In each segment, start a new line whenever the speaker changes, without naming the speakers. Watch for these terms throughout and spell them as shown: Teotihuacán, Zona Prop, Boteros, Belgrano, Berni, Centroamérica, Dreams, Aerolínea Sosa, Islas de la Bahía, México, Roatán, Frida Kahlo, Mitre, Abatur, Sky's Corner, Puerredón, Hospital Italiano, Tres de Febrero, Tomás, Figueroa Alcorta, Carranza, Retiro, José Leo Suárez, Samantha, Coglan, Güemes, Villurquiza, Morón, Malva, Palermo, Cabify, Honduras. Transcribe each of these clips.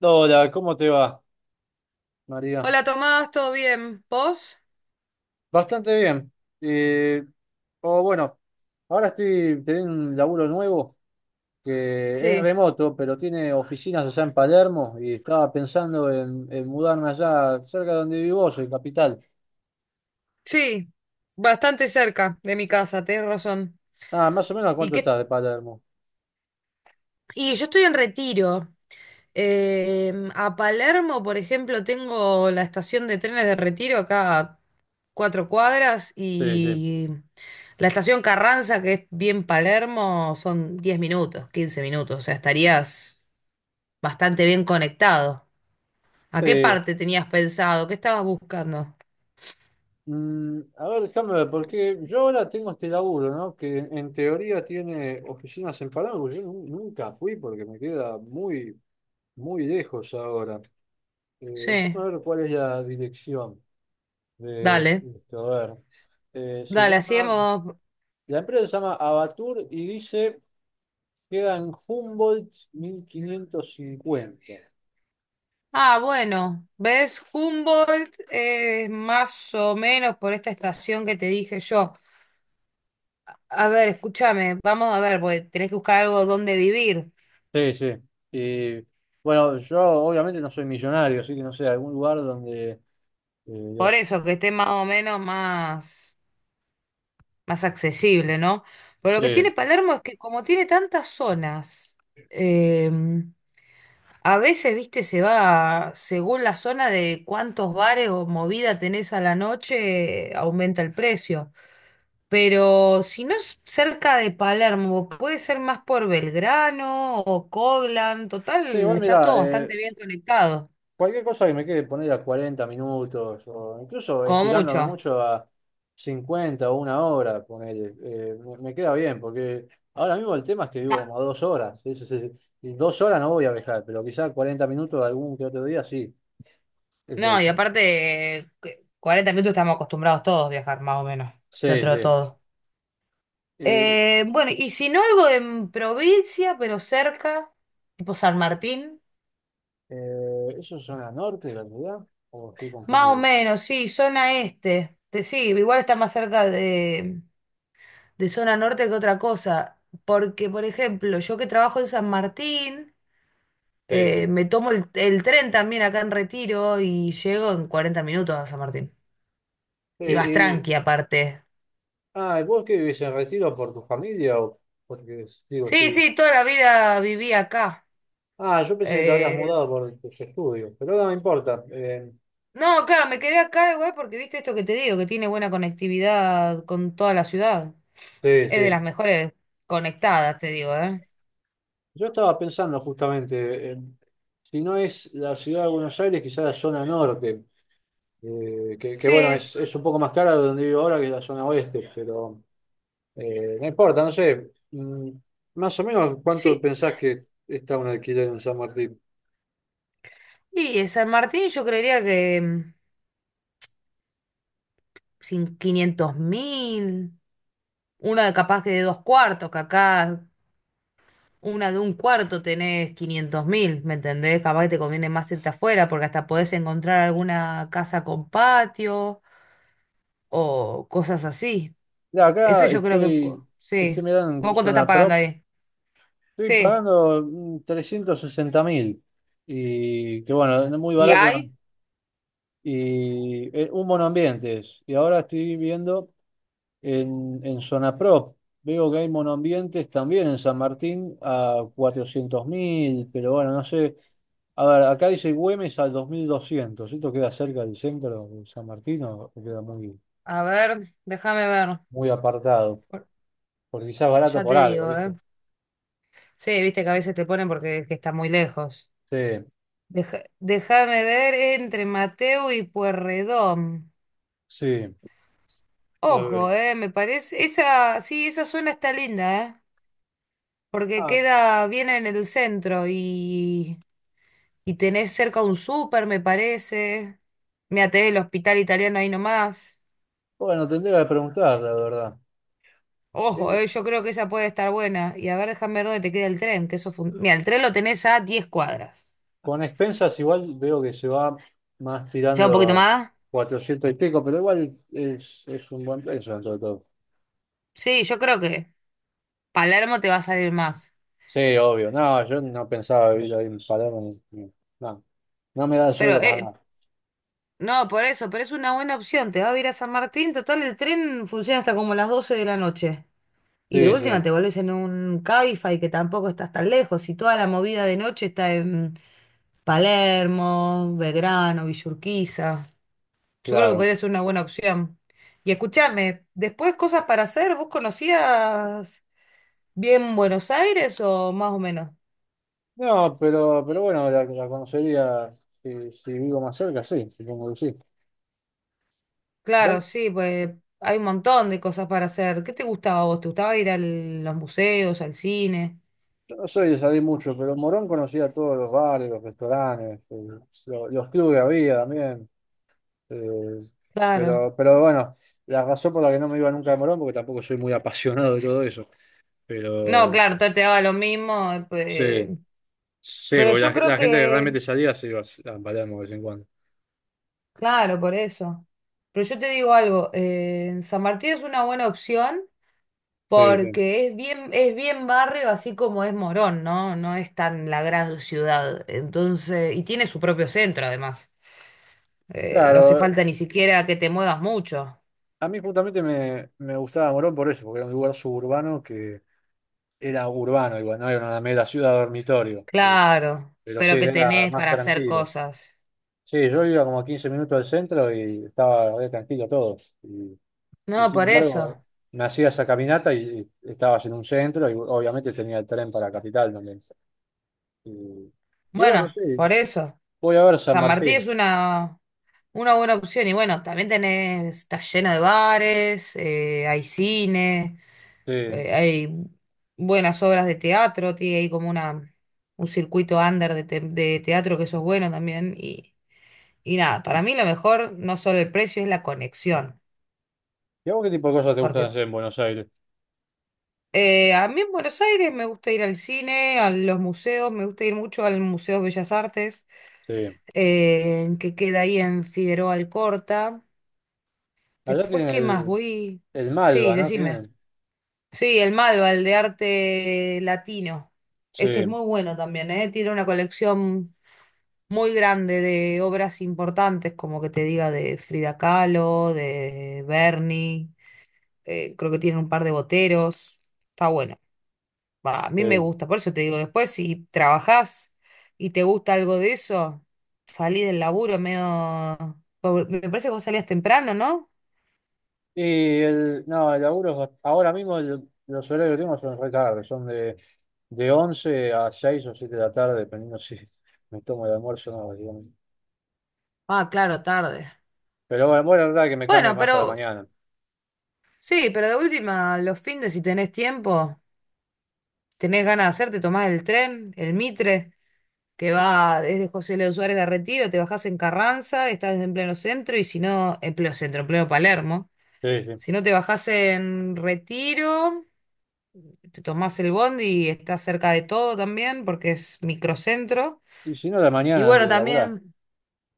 Hola, ¿cómo te va, María?
Hola Tomás, ¿todo bien? ¿Vos?
Bastante bien. Eh, o bueno, ahora estoy teniendo un laburo nuevo que es
Sí,
remoto, pero tiene oficinas allá en Palermo y estaba pensando en mudarme allá cerca de donde vivo, yo, en Capital.
sí, bastante cerca de mi casa, tenés razón.
Ah, ¿más o menos a
¿Y
cuánto
qué?
estás de Palermo?
Y yo estoy en Retiro. A Palermo, por ejemplo, tengo la estación de trenes de Retiro acá a 4 cuadras
Sí, sí.
y la estación Carranza, que es bien Palermo, son 10 minutos, 15 minutos, o sea, estarías bastante bien conectado. ¿A qué
Sí.
parte tenías pensado? ¿Qué estabas buscando?
A ver, déjame ver, porque yo ahora tengo este laburo, ¿no? Que en teoría tiene oficinas en Palermo. Yo nunca fui porque me queda muy, muy lejos ahora.
Sí,
Déjame ver cuál es la dirección de
dale.
esto. A ver. Eh, se
Dale,
llama,
hacíamos.
la empresa se llama Abatur y dice queda en Humboldt 1550.
Ah, bueno, ¿ves? Humboldt es más o menos por esta estación que te dije yo. A ver, escúchame, vamos a ver, porque tenés que buscar algo donde vivir.
Sí, sí. Y bueno, yo obviamente no soy millonario, así que no sé, algún lugar donde eh,
Por
los-
eso, que esté más o menos más, accesible, ¿no? Pero lo que
Sí.
tiene Palermo es que como tiene tantas zonas, eh, a veces, viste, se va según la zona de cuántos bares o movida tenés a la noche, aumenta el precio. Pero si no es cerca de Palermo, puede ser más por Belgrano o Coglan.
Sí,
Total,
igual
está
mira,
todo bastante bien conectado.
cualquier cosa que me quede poner a 40 minutos o incluso
Como
estirándome
mucho.
mucho a 50 o una hora, ponele, me queda bien porque ahora mismo el tema es que vivo
Ah,
como a 2 horas. Y 2 horas no voy a viajar, pero quizás 40 minutos algún que otro día sí. es
no,
el-
y aparte, 40 minutos estamos acostumbrados todos a viajar, más o menos,
sí,
dentro de
sí.
todo.
Y,
Bueno, y si no algo en provincia, pero cerca, tipo San Martín,
¿eso es zona norte, la verdad? ¿O estoy
más o
confundido?
menos, sí, zona este. Sí, igual está más cerca De zona norte que otra cosa. Porque, por ejemplo, yo que trabajo en San Martín,
Sí, sí.
me tomo el tren también acá en Retiro y llego en 40 minutos a San Martín. Y vas
Eh, y-
tranqui aparte.
¿Y vos qué vivís en Retiro por tu familia o porque, digo,
Sí,
si...
sí, toda la vida viví acá.
Ah, yo pensé que te habías
Eh,
mudado por tus estudios, pero no me importa.
no, claro, me quedé acá igual porque viste esto que te digo, que tiene buena conectividad con toda la ciudad.
Sí,
Es de
sí.
las mejores conectadas, te digo, ¿eh?
Yo estaba pensando justamente, si no es la ciudad de Buenos Aires, quizás la zona norte, que
Sí,
bueno, es un poco más cara de donde vivo ahora que la zona oeste, pero no importa, no sé. Más o menos, ¿cuánto
sí.
pensás que está un alquiler en San Martín?
Y San Martín yo creería que sin 500.000. Una de capaz que de dos cuartos, que acá una de un cuarto tenés 500.000, ¿me entendés? Capaz que te conviene más irte afuera porque hasta podés encontrar alguna casa con patio o cosas así.
Mira,
Eso
acá
yo creo que
estoy,
sí.
estoy mirando
¿Vos
en
cuánto estás
Zona
pagando
Prop.
ahí?
Estoy
Sí.
pagando 360.000. Y que bueno, es muy
¿Y
barato, ¿no?
hay?
Y un monoambiente es. Y ahora estoy viendo en Zona Prop. Veo que hay monoambientes también en San Martín a 400.000. Pero bueno, no sé. A ver, acá dice Güemes al 2200. ¿Esto queda cerca del centro de San Martín o queda muy,
A ver, déjame ver.
muy apartado? Porque quizás barato
Ya
por
te
algo,
digo,
¿viste?
¿eh? Sí, viste que a veces te ponen porque es que está muy lejos.
Sí,
Déjame ver entre Mateo y Puerredón.
sí. A ver.
Ojo, me parece. Esa, sí, esa zona está linda, eh. Porque
Ah,
queda bien en el centro y tenés cerca un súper, me parece. Me até el hospital italiano ahí nomás.
bueno, tendría que preguntar, la verdad.
Ojo,
Eh,
yo creo que esa puede estar buena. Y a ver, déjame ver dónde te queda el tren, que eso mira, el tren lo tenés a 10 cuadras.
Con expensas igual veo que se va más
¿Ya
tirando
un poquito
a
más?
400 y pico, pero igual es un buen precio dentro de todo.
Sí, yo creo que Palermo te va a salir más.
Sí, obvio. No, yo no pensaba vivir ahí en Palermo. No, no me da el
Pero,
sueldo para nada.
no, por eso, pero es una buena opción. Te va a ir a San Martín. Total, el tren funciona hasta como las 12 de la noche. Y de
Sí,
última
sí,
te vuelves en un Cabify que tampoco estás tan lejos. Y toda la movida de noche está en Palermo, Belgrano, Villurquiza. Yo creo que
claro.
podría ser una buena opción. Y escúchame, después cosas para hacer, ¿vos conocías bien Buenos Aires o más o menos?
No, pero bueno, la conocería si vivo más cerca, sí, supongo que sí.
Claro,
Yo
sí, pues hay un montón de cosas para hacer. ¿Qué te gustaba a vos? ¿Te gustaba ir a los museos, al cine?
no soy de salir mucho, pero en Morón conocía todos los bares, los restaurantes, los clubes que había también. Eh,
Claro.
pero bueno, la razón por la que no me iba nunca a Morón, porque tampoco soy muy apasionado de todo eso.
No,
Pero
claro, todo te daba lo mismo.
sí, sí,
Pero
porque
yo
la,
creo
la gente que
que.
realmente salía se iba a Palermo de vez en cuando.
Claro, por eso. Pero yo te digo algo, San Martín es una buena opción
Sí, sí.
porque es bien barrio, así como es Morón, ¿no? No es tan la gran ciudad. Entonces, y tiene su propio centro, además. No hace
Claro,
falta ni siquiera que te muevas mucho.
a mí justamente me gustaba Morón por eso, porque era un lugar suburbano que era urbano, igual, no era una mera ciudad dormitorio.
Claro,
Pero sí,
pero que
era
tenés
más
para hacer
tranquilo.
cosas.
Sí, yo iba como a 15 minutos del centro y estaba re tranquilo todo. Y Y
No,
sin
por
embargo,
eso.
me hacía esa caminata y estabas en un centro y obviamente tenía el tren para Capital también. Y, y bueno,
Bueno,
sí,
por eso.
voy a ver San
San Martín
Martín.
es una buena opción. Y bueno, también tenés, está lleno de bares, hay cine.
Sí.
Hay buenas obras de teatro, tiene ahí como una, un circuito under de teatro que eso es bueno también. Y nada, para mí lo mejor no solo el precio, es la conexión.
¿Y a vos qué tipo de cosas te gustan
Porque
hacer en Buenos Aires?
a mí en Buenos Aires me gusta ir al cine, a los museos, me gusta ir mucho al Museo de Bellas Artes,
Sí.
que queda ahí en Figueroa Alcorta.
Allá
Después,
tienen
¿qué más?
el,
Voy...
el
Sí,
Malva, ¿no?
decime.
Tienen.
Sí, el Malva, el de arte latino.
Sí,
Ese es muy bueno también, ¿eh? Tiene una colección muy grande de obras importantes, como que te diga de Frida Kahlo, de Berni, creo que tiene un par de boteros, está bueno. Va, a mí me
sí.
gusta, por eso te digo, después si trabajás y te gusta algo de eso, salí del laburo medio, me parece que vos salías temprano, ¿no?
Y el, no, el laburo, ahora mismo los horarios que tengo son re tarde, son de 11 a 6 o 7 de la tarde, dependiendo si me tomo el almuerzo o no, digamos.
Ah, claro, tarde.
Pero bueno, bueno, la verdad que me cambie
Bueno,
más a la
pero
mañana.
sí, pero de última, los fines si tenés tiempo, tenés ganas de hacer, te tomás el tren, el Mitre, que va desde José Leo Suárez a Retiro, te bajás en Carranza, estás en pleno centro, y si no, en pleno centro, en pleno Palermo.
Sí, sí.
Si no te bajás en Retiro, te tomás el bondi y estás cerca de todo también, porque es microcentro.
Y si no, la
Y
mañana antes
bueno,
de laburar,
también,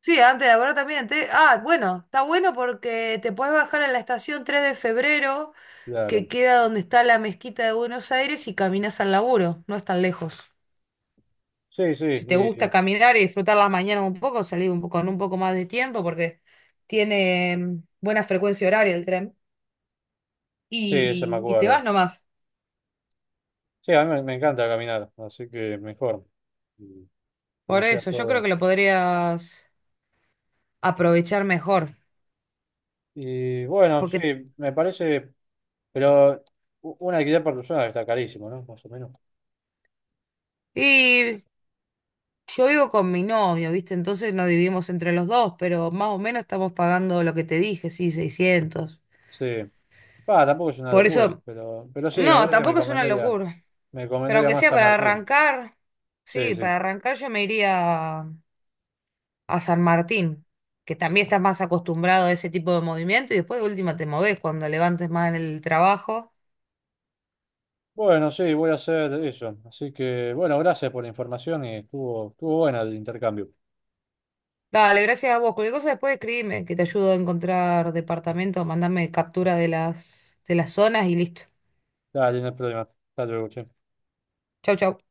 sí, antes de ahora también, ah, bueno, está bueno porque te puedes bajar en la estación tres de febrero, que
claro.
queda donde está la mezquita de Buenos Aires, y caminas al laburo, no es tan lejos.
Sí, sí,
Si te gusta caminar y disfrutar las mañanas un poco, salí un poco, con un poco más de tiempo porque tiene buena frecuencia horaria el tren.
sí, eso me
Y te
acuerdo.
vas nomás.
Sí, a mí me encanta caminar, así que mejor y que no
Por
sea
eso, yo creo que
todo.
lo podrías aprovechar mejor.
Y bueno, sí,
Porque,
me parece, pero un alquiler por persona está carísimo, ¿no? Más o menos.
y yo vivo con mi novio, ¿viste? Entonces nos dividimos entre los dos, pero más o menos estamos pagando lo que te dije, sí, seiscientos.
Sí. Va, tampoco es una
Por
locura,
eso,
pero sí, me
no,
parece que me
tampoco es una
convendría,
locura.
me
Pero
convendría
aunque
más
sea
San
para
Martín.
arrancar,
Sí,
sí,
sí.
para arrancar yo me iría a San Martín, que también estás más acostumbrado a ese tipo de movimiento y después de última te movés cuando levantes más en el trabajo.
Bueno, sí, voy a hacer eso. Así que, bueno, gracias por la información y estuvo buena el intercambio.
Dale, gracias a vos. Cualquier cosa después escribime, que te ayudo a encontrar departamento, mandame captura de las zonas y listo.
Dale, no hay problema. Hasta luego, che.
Chau, chau.